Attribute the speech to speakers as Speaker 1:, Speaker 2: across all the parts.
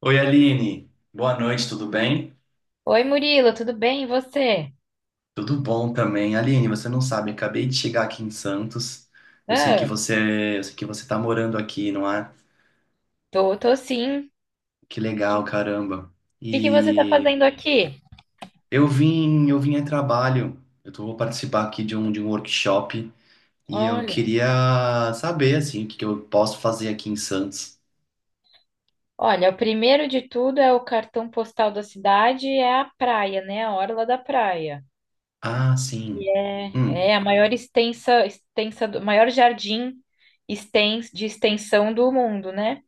Speaker 1: Oi, Aline. Boa noite, tudo bem?
Speaker 2: Oi, Murilo, tudo bem? E você?
Speaker 1: Tudo bom também. Aline, você não sabe, eu acabei de chegar aqui em Santos. Eu sei que
Speaker 2: Ah,
Speaker 1: você, eu sei que você tá morando aqui, não é?
Speaker 2: tô sim. O
Speaker 1: Que legal, caramba.
Speaker 2: que que você tá
Speaker 1: E
Speaker 2: fazendo aqui?
Speaker 1: eu vim a trabalho. Eu tô, vou participar aqui de um workshop e eu
Speaker 2: Olha,
Speaker 1: queria saber assim o que que eu posso fazer aqui em Santos.
Speaker 2: olha, o primeiro de tudo é o cartão postal da cidade, é a praia, né? A orla da praia.
Speaker 1: Ah, sim.
Speaker 2: E é,
Speaker 1: Hum.
Speaker 2: é a maior jardim de extensão do mundo, né?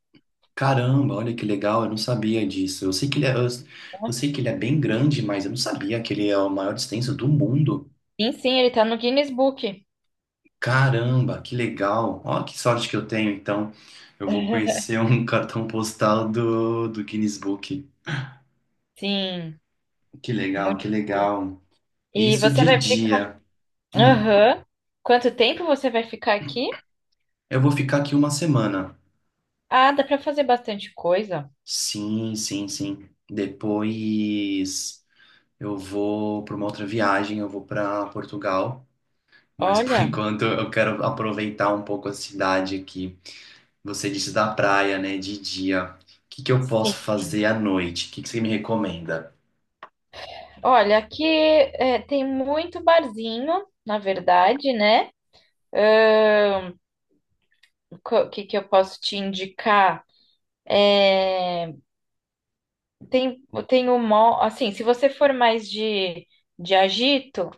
Speaker 1: Caramba, olha que legal, eu não sabia disso. Eu sei que ele é, eu,
Speaker 2: Ó,
Speaker 1: eu sei que ele é bem grande, mas eu não sabia que ele é a maior extenso do mundo.
Speaker 2: sim, sim, ele tá no Guinness Book.
Speaker 1: Caramba, que legal. Olha que sorte que eu tenho, então. Eu vou conhecer um cartão postal do Guinness Book.
Speaker 2: Sim,
Speaker 1: Que legal,
Speaker 2: muito
Speaker 1: que
Speaker 2: bom.
Speaker 1: legal.
Speaker 2: E
Speaker 1: Isso
Speaker 2: você
Speaker 1: de
Speaker 2: vai ficar?
Speaker 1: dia. Hum,
Speaker 2: Aham. Quanto tempo você vai ficar aqui?
Speaker 1: eu vou ficar aqui uma semana.
Speaker 2: Ah, dá pra fazer bastante coisa.
Speaker 1: Sim, sim, sim. Depois eu vou para uma outra viagem, eu vou para Portugal. Mas por
Speaker 2: Olha,
Speaker 1: enquanto eu quero aproveitar um pouco a cidade aqui. Você disse da praia, né? De dia. O que que eu
Speaker 2: sim.
Speaker 1: posso fazer à noite? O que que você me recomenda?
Speaker 2: Olha, aqui tem muito barzinho, na verdade, né? Ahn, O que que eu posso te indicar? É, tem, tem o Mob, assim, se você for mais de agito,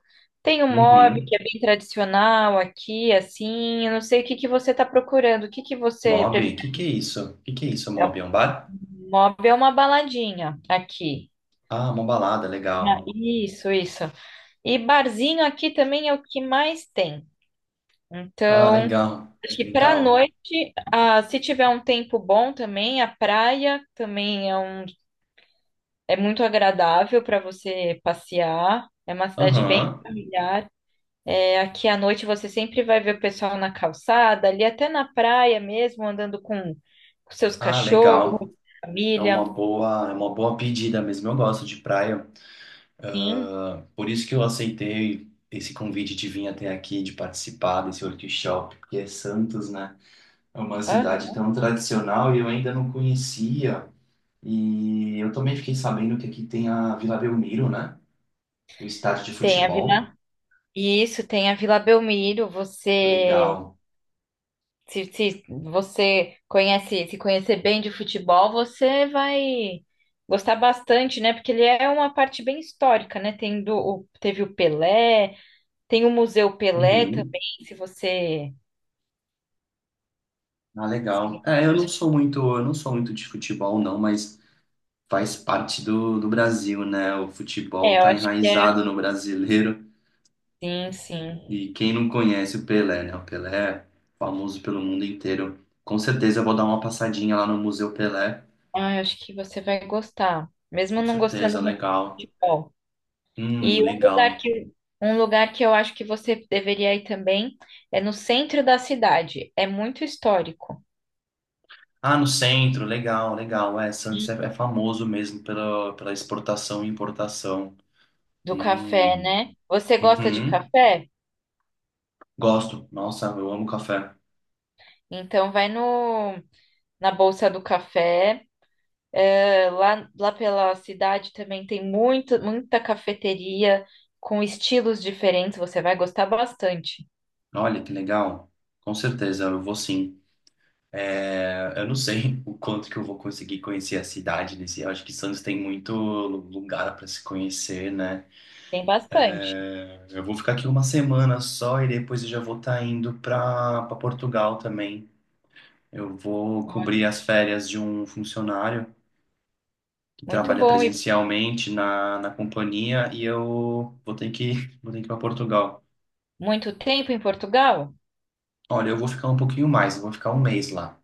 Speaker 2: tem o Mob, que
Speaker 1: Uhum.
Speaker 2: é bem tradicional aqui, assim. Eu não sei o que que você está procurando, o que que você
Speaker 1: Mob? O
Speaker 2: prefere?
Speaker 1: que que é isso? O que que é isso,
Speaker 2: É.
Speaker 1: Mob? É um bar?
Speaker 2: O Mob é uma baladinha aqui.
Speaker 1: Ah, uma balada,
Speaker 2: Ah,
Speaker 1: legal.
Speaker 2: isso, isso. E barzinho aqui também é o que mais tem.
Speaker 1: Ah,
Speaker 2: Então,
Speaker 1: legal.
Speaker 2: acho que para
Speaker 1: Legal.
Speaker 2: noite, se tiver um tempo bom também, a praia também é muito agradável para você passear. É uma cidade bem
Speaker 1: Aham.
Speaker 2: familiar. É, aqui à noite você sempre vai ver o pessoal na calçada, ali até na praia mesmo, andando com seus
Speaker 1: Ah,
Speaker 2: cachorros,
Speaker 1: legal. É
Speaker 2: família.
Speaker 1: uma boa, é uma boa pedida mesmo. Eu gosto de praia.
Speaker 2: Sim,
Speaker 1: Ah, por isso que eu aceitei esse convite de vir até aqui, de participar desse workshop, porque é Santos, né? É uma
Speaker 2: ah,
Speaker 1: cidade tão tradicional e eu ainda não conhecia. E eu também fiquei sabendo que aqui tem a Vila Belmiro, né? O estádio de
Speaker 2: tem a
Speaker 1: futebol.
Speaker 2: Vila. Isso, tem a Vila Belmiro. Você
Speaker 1: Legal.
Speaker 2: Se, se você conhece, se conhecer bem de futebol, você vai gostar bastante, né? Porque ele é uma parte bem histórica, né? Teve o Pelé, tem o Museu Pelé
Speaker 1: Uhum.
Speaker 2: também, se você.
Speaker 1: Ah, legal.
Speaker 2: se-
Speaker 1: É, eu não sou muito de futebol, não, mas faz parte do Brasil, né? O futebol
Speaker 2: É, eu
Speaker 1: tá
Speaker 2: acho que é.
Speaker 1: enraizado no brasileiro.
Speaker 2: Sim, sim.
Speaker 1: E quem não conhece o Pelé, né? O Pelé é famoso pelo mundo inteiro. Com certeza eu vou dar uma passadinha lá no Museu Pelé.
Speaker 2: Ah, eu acho que você vai gostar, mesmo
Speaker 1: Com
Speaker 2: não gostando
Speaker 1: certeza,
Speaker 2: muito
Speaker 1: legal.
Speaker 2: de futebol. E um lugar
Speaker 1: Legal.
Speaker 2: que, um lugar que eu acho que você deveria ir também é no centro da cidade. É muito histórico.
Speaker 1: Ah, no centro, legal, legal. É, Santos é famoso mesmo pela exportação e importação.
Speaker 2: Do café,
Speaker 1: Hum,
Speaker 2: né? Você gosta de
Speaker 1: uhum.
Speaker 2: café?
Speaker 1: Gosto. Nossa, eu amo café.
Speaker 2: Então vai no na Bolsa do Café. Lá, pela cidade também tem muito, muita cafeteria com estilos diferentes. Você vai gostar bastante.
Speaker 1: Olha, que legal. Com certeza, eu vou sim. É, eu não sei o quanto que eu vou conseguir conhecer a cidade nesse. Eu acho que Santos tem muito lugar para se conhecer, né?
Speaker 2: Tem bastante.
Speaker 1: Eu vou ficar aqui uma semana só e depois eu já vou estar indo para Portugal também. Eu vou
Speaker 2: Olha,
Speaker 1: cobrir as férias de um funcionário que
Speaker 2: muito
Speaker 1: trabalha
Speaker 2: bom. E
Speaker 1: presencialmente na companhia e eu vou ter que, vou ter que ir para Portugal.
Speaker 2: muito tempo em Portugal?
Speaker 1: Olha, eu vou ficar um pouquinho mais, eu vou ficar um mês lá.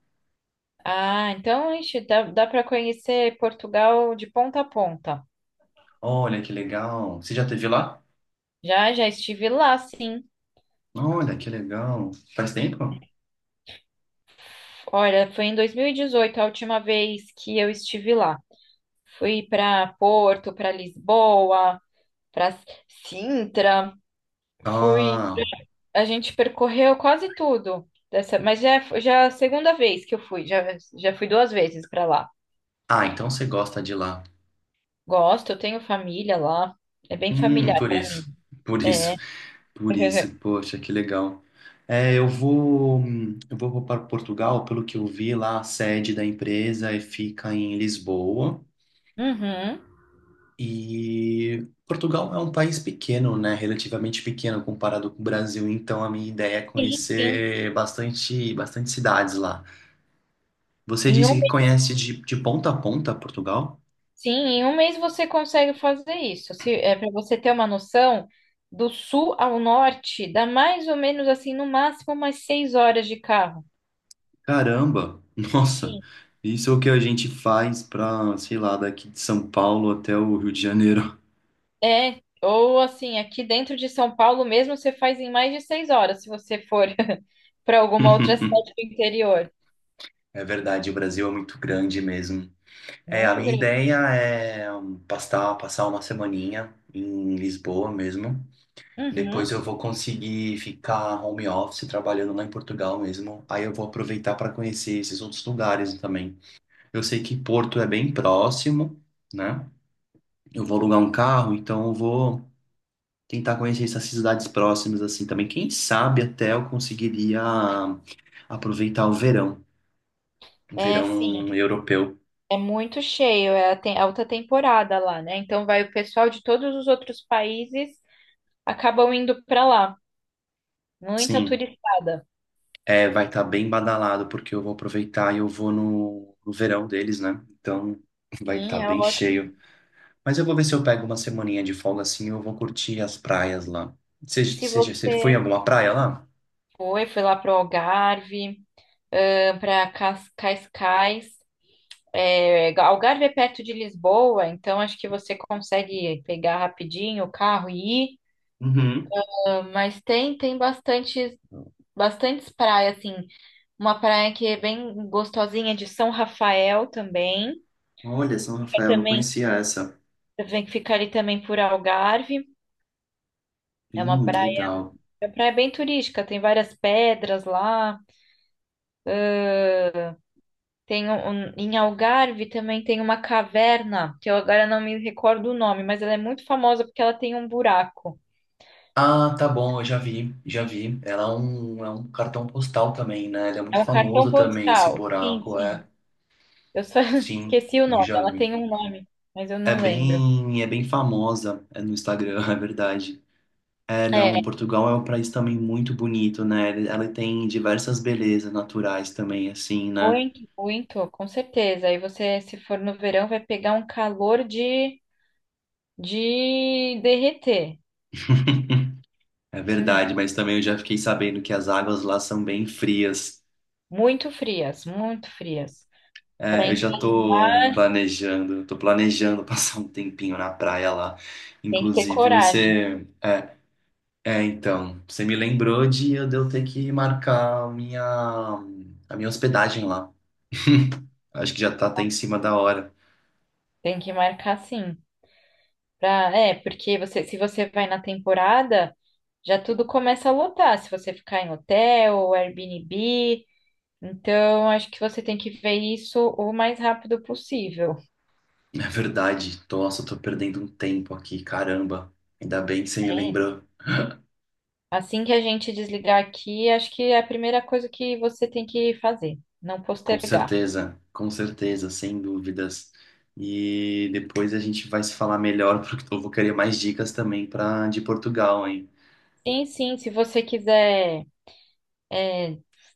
Speaker 2: Ah, então, ixi, dá para conhecer Portugal de ponta a ponta.
Speaker 1: Olha que legal. Você já teve lá?
Speaker 2: Já, já estive lá, sim.
Speaker 1: Olha que legal. Faz tempo?
Speaker 2: Olha, foi em 2018 a última vez que eu estive lá. Fui para Porto, para Lisboa, para Sintra. Fui,
Speaker 1: Ah,
Speaker 2: a gente percorreu quase tudo dessa, mas já é a segunda vez que eu fui, já fui duas vezes para lá.
Speaker 1: ah, então você gosta de lá.
Speaker 2: Gosto, eu tenho família lá. É bem familiar
Speaker 1: Por
Speaker 2: para
Speaker 1: isso.
Speaker 2: mim.
Speaker 1: Por
Speaker 2: É.
Speaker 1: isso. Por isso. Poxa, que legal. É, eu vou para Portugal, pelo que eu vi lá, a sede da empresa é- fica em Lisboa.
Speaker 2: Uhum.
Speaker 1: E Portugal é um país pequeno, né? Relativamente pequeno comparado com o Brasil, então a minha ideia é
Speaker 2: Sim, sim.
Speaker 1: conhecer bastante, bastante cidades lá. Você
Speaker 2: Em um
Speaker 1: disse que
Speaker 2: mês,
Speaker 1: conhece de ponta a ponta Portugal?
Speaker 2: sim, em um mês você consegue fazer isso. Se, é para você ter uma noção, do sul ao norte dá mais ou menos assim, no máximo umas 6 horas de carro.
Speaker 1: Caramba! Nossa!
Speaker 2: Sim.
Speaker 1: Isso é o que a gente faz para, sei lá, daqui de São Paulo até o Rio de Janeiro.
Speaker 2: É, ou assim, aqui dentro de São Paulo mesmo você faz em mais de 6 horas, se você for para alguma outra cidade do interior.
Speaker 1: É verdade, o Brasil é muito grande mesmo. É, a
Speaker 2: Muito
Speaker 1: minha
Speaker 2: grande.
Speaker 1: ideia é passar uma semaninha em Lisboa mesmo.
Speaker 2: Uhum.
Speaker 1: Depois eu vou conseguir ficar home office trabalhando lá em Portugal mesmo. Aí eu vou aproveitar para conhecer esses outros lugares também. Eu sei que Porto é bem próximo, né? Eu vou alugar um carro, então eu vou tentar conhecer essas cidades próximas assim também. Quem sabe até eu conseguiria aproveitar o
Speaker 2: É, sim,
Speaker 1: verão europeu.
Speaker 2: é muito cheio, é alta temporada lá, né? Então vai o pessoal de todos os outros países acabam indo para lá. Muita
Speaker 1: Sim,
Speaker 2: turistada.
Speaker 1: é, vai estar bem badalado porque eu vou aproveitar e eu vou no verão deles, né? Então vai estar
Speaker 2: Sim, é
Speaker 1: bem cheio.
Speaker 2: ótimo.
Speaker 1: Mas eu vou ver se eu pego uma semaninha de folga assim, eu vou curtir as praias lá. Você
Speaker 2: Se
Speaker 1: você já você foi em
Speaker 2: você
Speaker 1: alguma praia lá?
Speaker 2: foi lá pro Algarve, para Cascais. É, Algarve é perto de Lisboa, então acho que você consegue pegar rapidinho o carro e ir.
Speaker 1: Uhum.
Speaker 2: Ah, mas tem bastantes praias assim. Uma praia que é bem gostosinha de São Rafael também.
Speaker 1: Olha, São
Speaker 2: Fica
Speaker 1: Rafael, não
Speaker 2: também
Speaker 1: conhecia essa.
Speaker 2: vem ficar ali também por Algarve. É uma praia,
Speaker 1: Legal.
Speaker 2: é uma praia bem turística. Tem várias pedras lá. Em Algarve também tem uma caverna que eu agora não me recordo o nome, mas ela é muito famosa porque ela tem um buraco.
Speaker 1: Ah, tá bom, eu já vi, já vi. Ela é um cartão postal também, né? Ele é
Speaker 2: É
Speaker 1: muito
Speaker 2: um cartão
Speaker 1: famoso também, esse
Speaker 2: postal. Sim,
Speaker 1: buraco, é.
Speaker 2: sim. Eu só
Speaker 1: Sim,
Speaker 2: esqueci o
Speaker 1: eu
Speaker 2: nome.
Speaker 1: já
Speaker 2: Ela
Speaker 1: vi.
Speaker 2: tem um nome, mas eu
Speaker 1: É
Speaker 2: não lembro.
Speaker 1: bem, é bem famosa, é no Instagram, é verdade. É, não,
Speaker 2: É,
Speaker 1: Portugal é um país também muito bonito, né? Ele- Ela tem diversas belezas naturais também, assim, né?
Speaker 2: muito, muito, com certeza. Aí você, se for no verão, vai pegar um calor de derreter.
Speaker 1: É verdade, mas também eu já fiquei sabendo que as águas lá são bem frias.
Speaker 2: Muito frias, muito frias. Para
Speaker 1: É, eu já
Speaker 2: entrar no mar,
Speaker 1: tô planejando passar um tempinho na praia lá.
Speaker 2: tem que ter
Speaker 1: Inclusive,
Speaker 2: coragem.
Speaker 1: você. É, é, então, você me lembrou de eu ter que marcar a minha hospedagem lá. Acho que já tá até em cima da hora.
Speaker 2: Tem que marcar sim. Porque você, se você vai na temporada, já tudo começa a lotar. Se você ficar em hotel, Airbnb. Então, acho que você tem que ver isso o mais rápido possível.
Speaker 1: É verdade, nossa, eu tô perdendo um tempo aqui, caramba. Ainda bem que você me
Speaker 2: É.
Speaker 1: lembrou.
Speaker 2: Assim que a gente desligar aqui, acho que é a primeira coisa que você tem que fazer, não postergar.
Speaker 1: Com certeza, sem dúvidas. E depois a gente vai se falar melhor, porque eu vou querer mais dicas também para de Portugal, hein?
Speaker 2: Sim, sim, se você quiser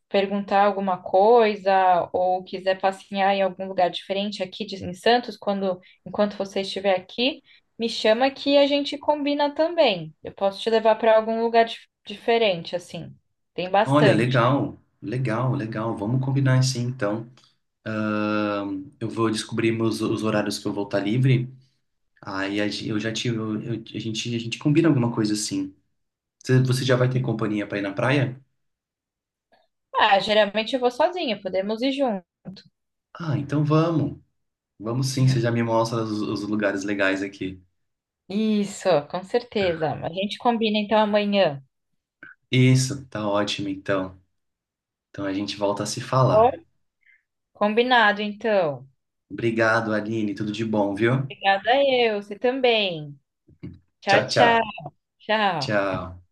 Speaker 2: perguntar alguma coisa ou quiser passear em algum lugar diferente aqui em Santos, quando enquanto você estiver aqui, me chama que a gente combina também. Eu posso te levar para algum lugar diferente, assim. Tem
Speaker 1: Olha,
Speaker 2: bastante.
Speaker 1: legal, legal, legal. Vamos combinar assim, então. Eu vou descobrir meus, os horários que eu vou estar livre. Aí a gen- eu já tive, eu- a gente combina alguma coisa assim. Você já vai ter companhia para ir na praia?
Speaker 2: Ah, geralmente eu vou sozinha, podemos ir juntos.
Speaker 1: Ah, então vamos. Vamos sim, você
Speaker 2: Uhum.
Speaker 1: já me mostra os lugares legais aqui.
Speaker 2: Isso, com certeza. A gente combina então amanhã.
Speaker 1: Isso, tá ótimo então. Então a gente volta a se
Speaker 2: Tá bom?
Speaker 1: falar.
Speaker 2: Combinado, então.
Speaker 1: Obrigado, Aline. Tudo de bom, viu?
Speaker 2: Obrigada eu, você também. Tchau,
Speaker 1: Tchau,
Speaker 2: tchau,
Speaker 1: tchau.
Speaker 2: tchau.
Speaker 1: Tchau.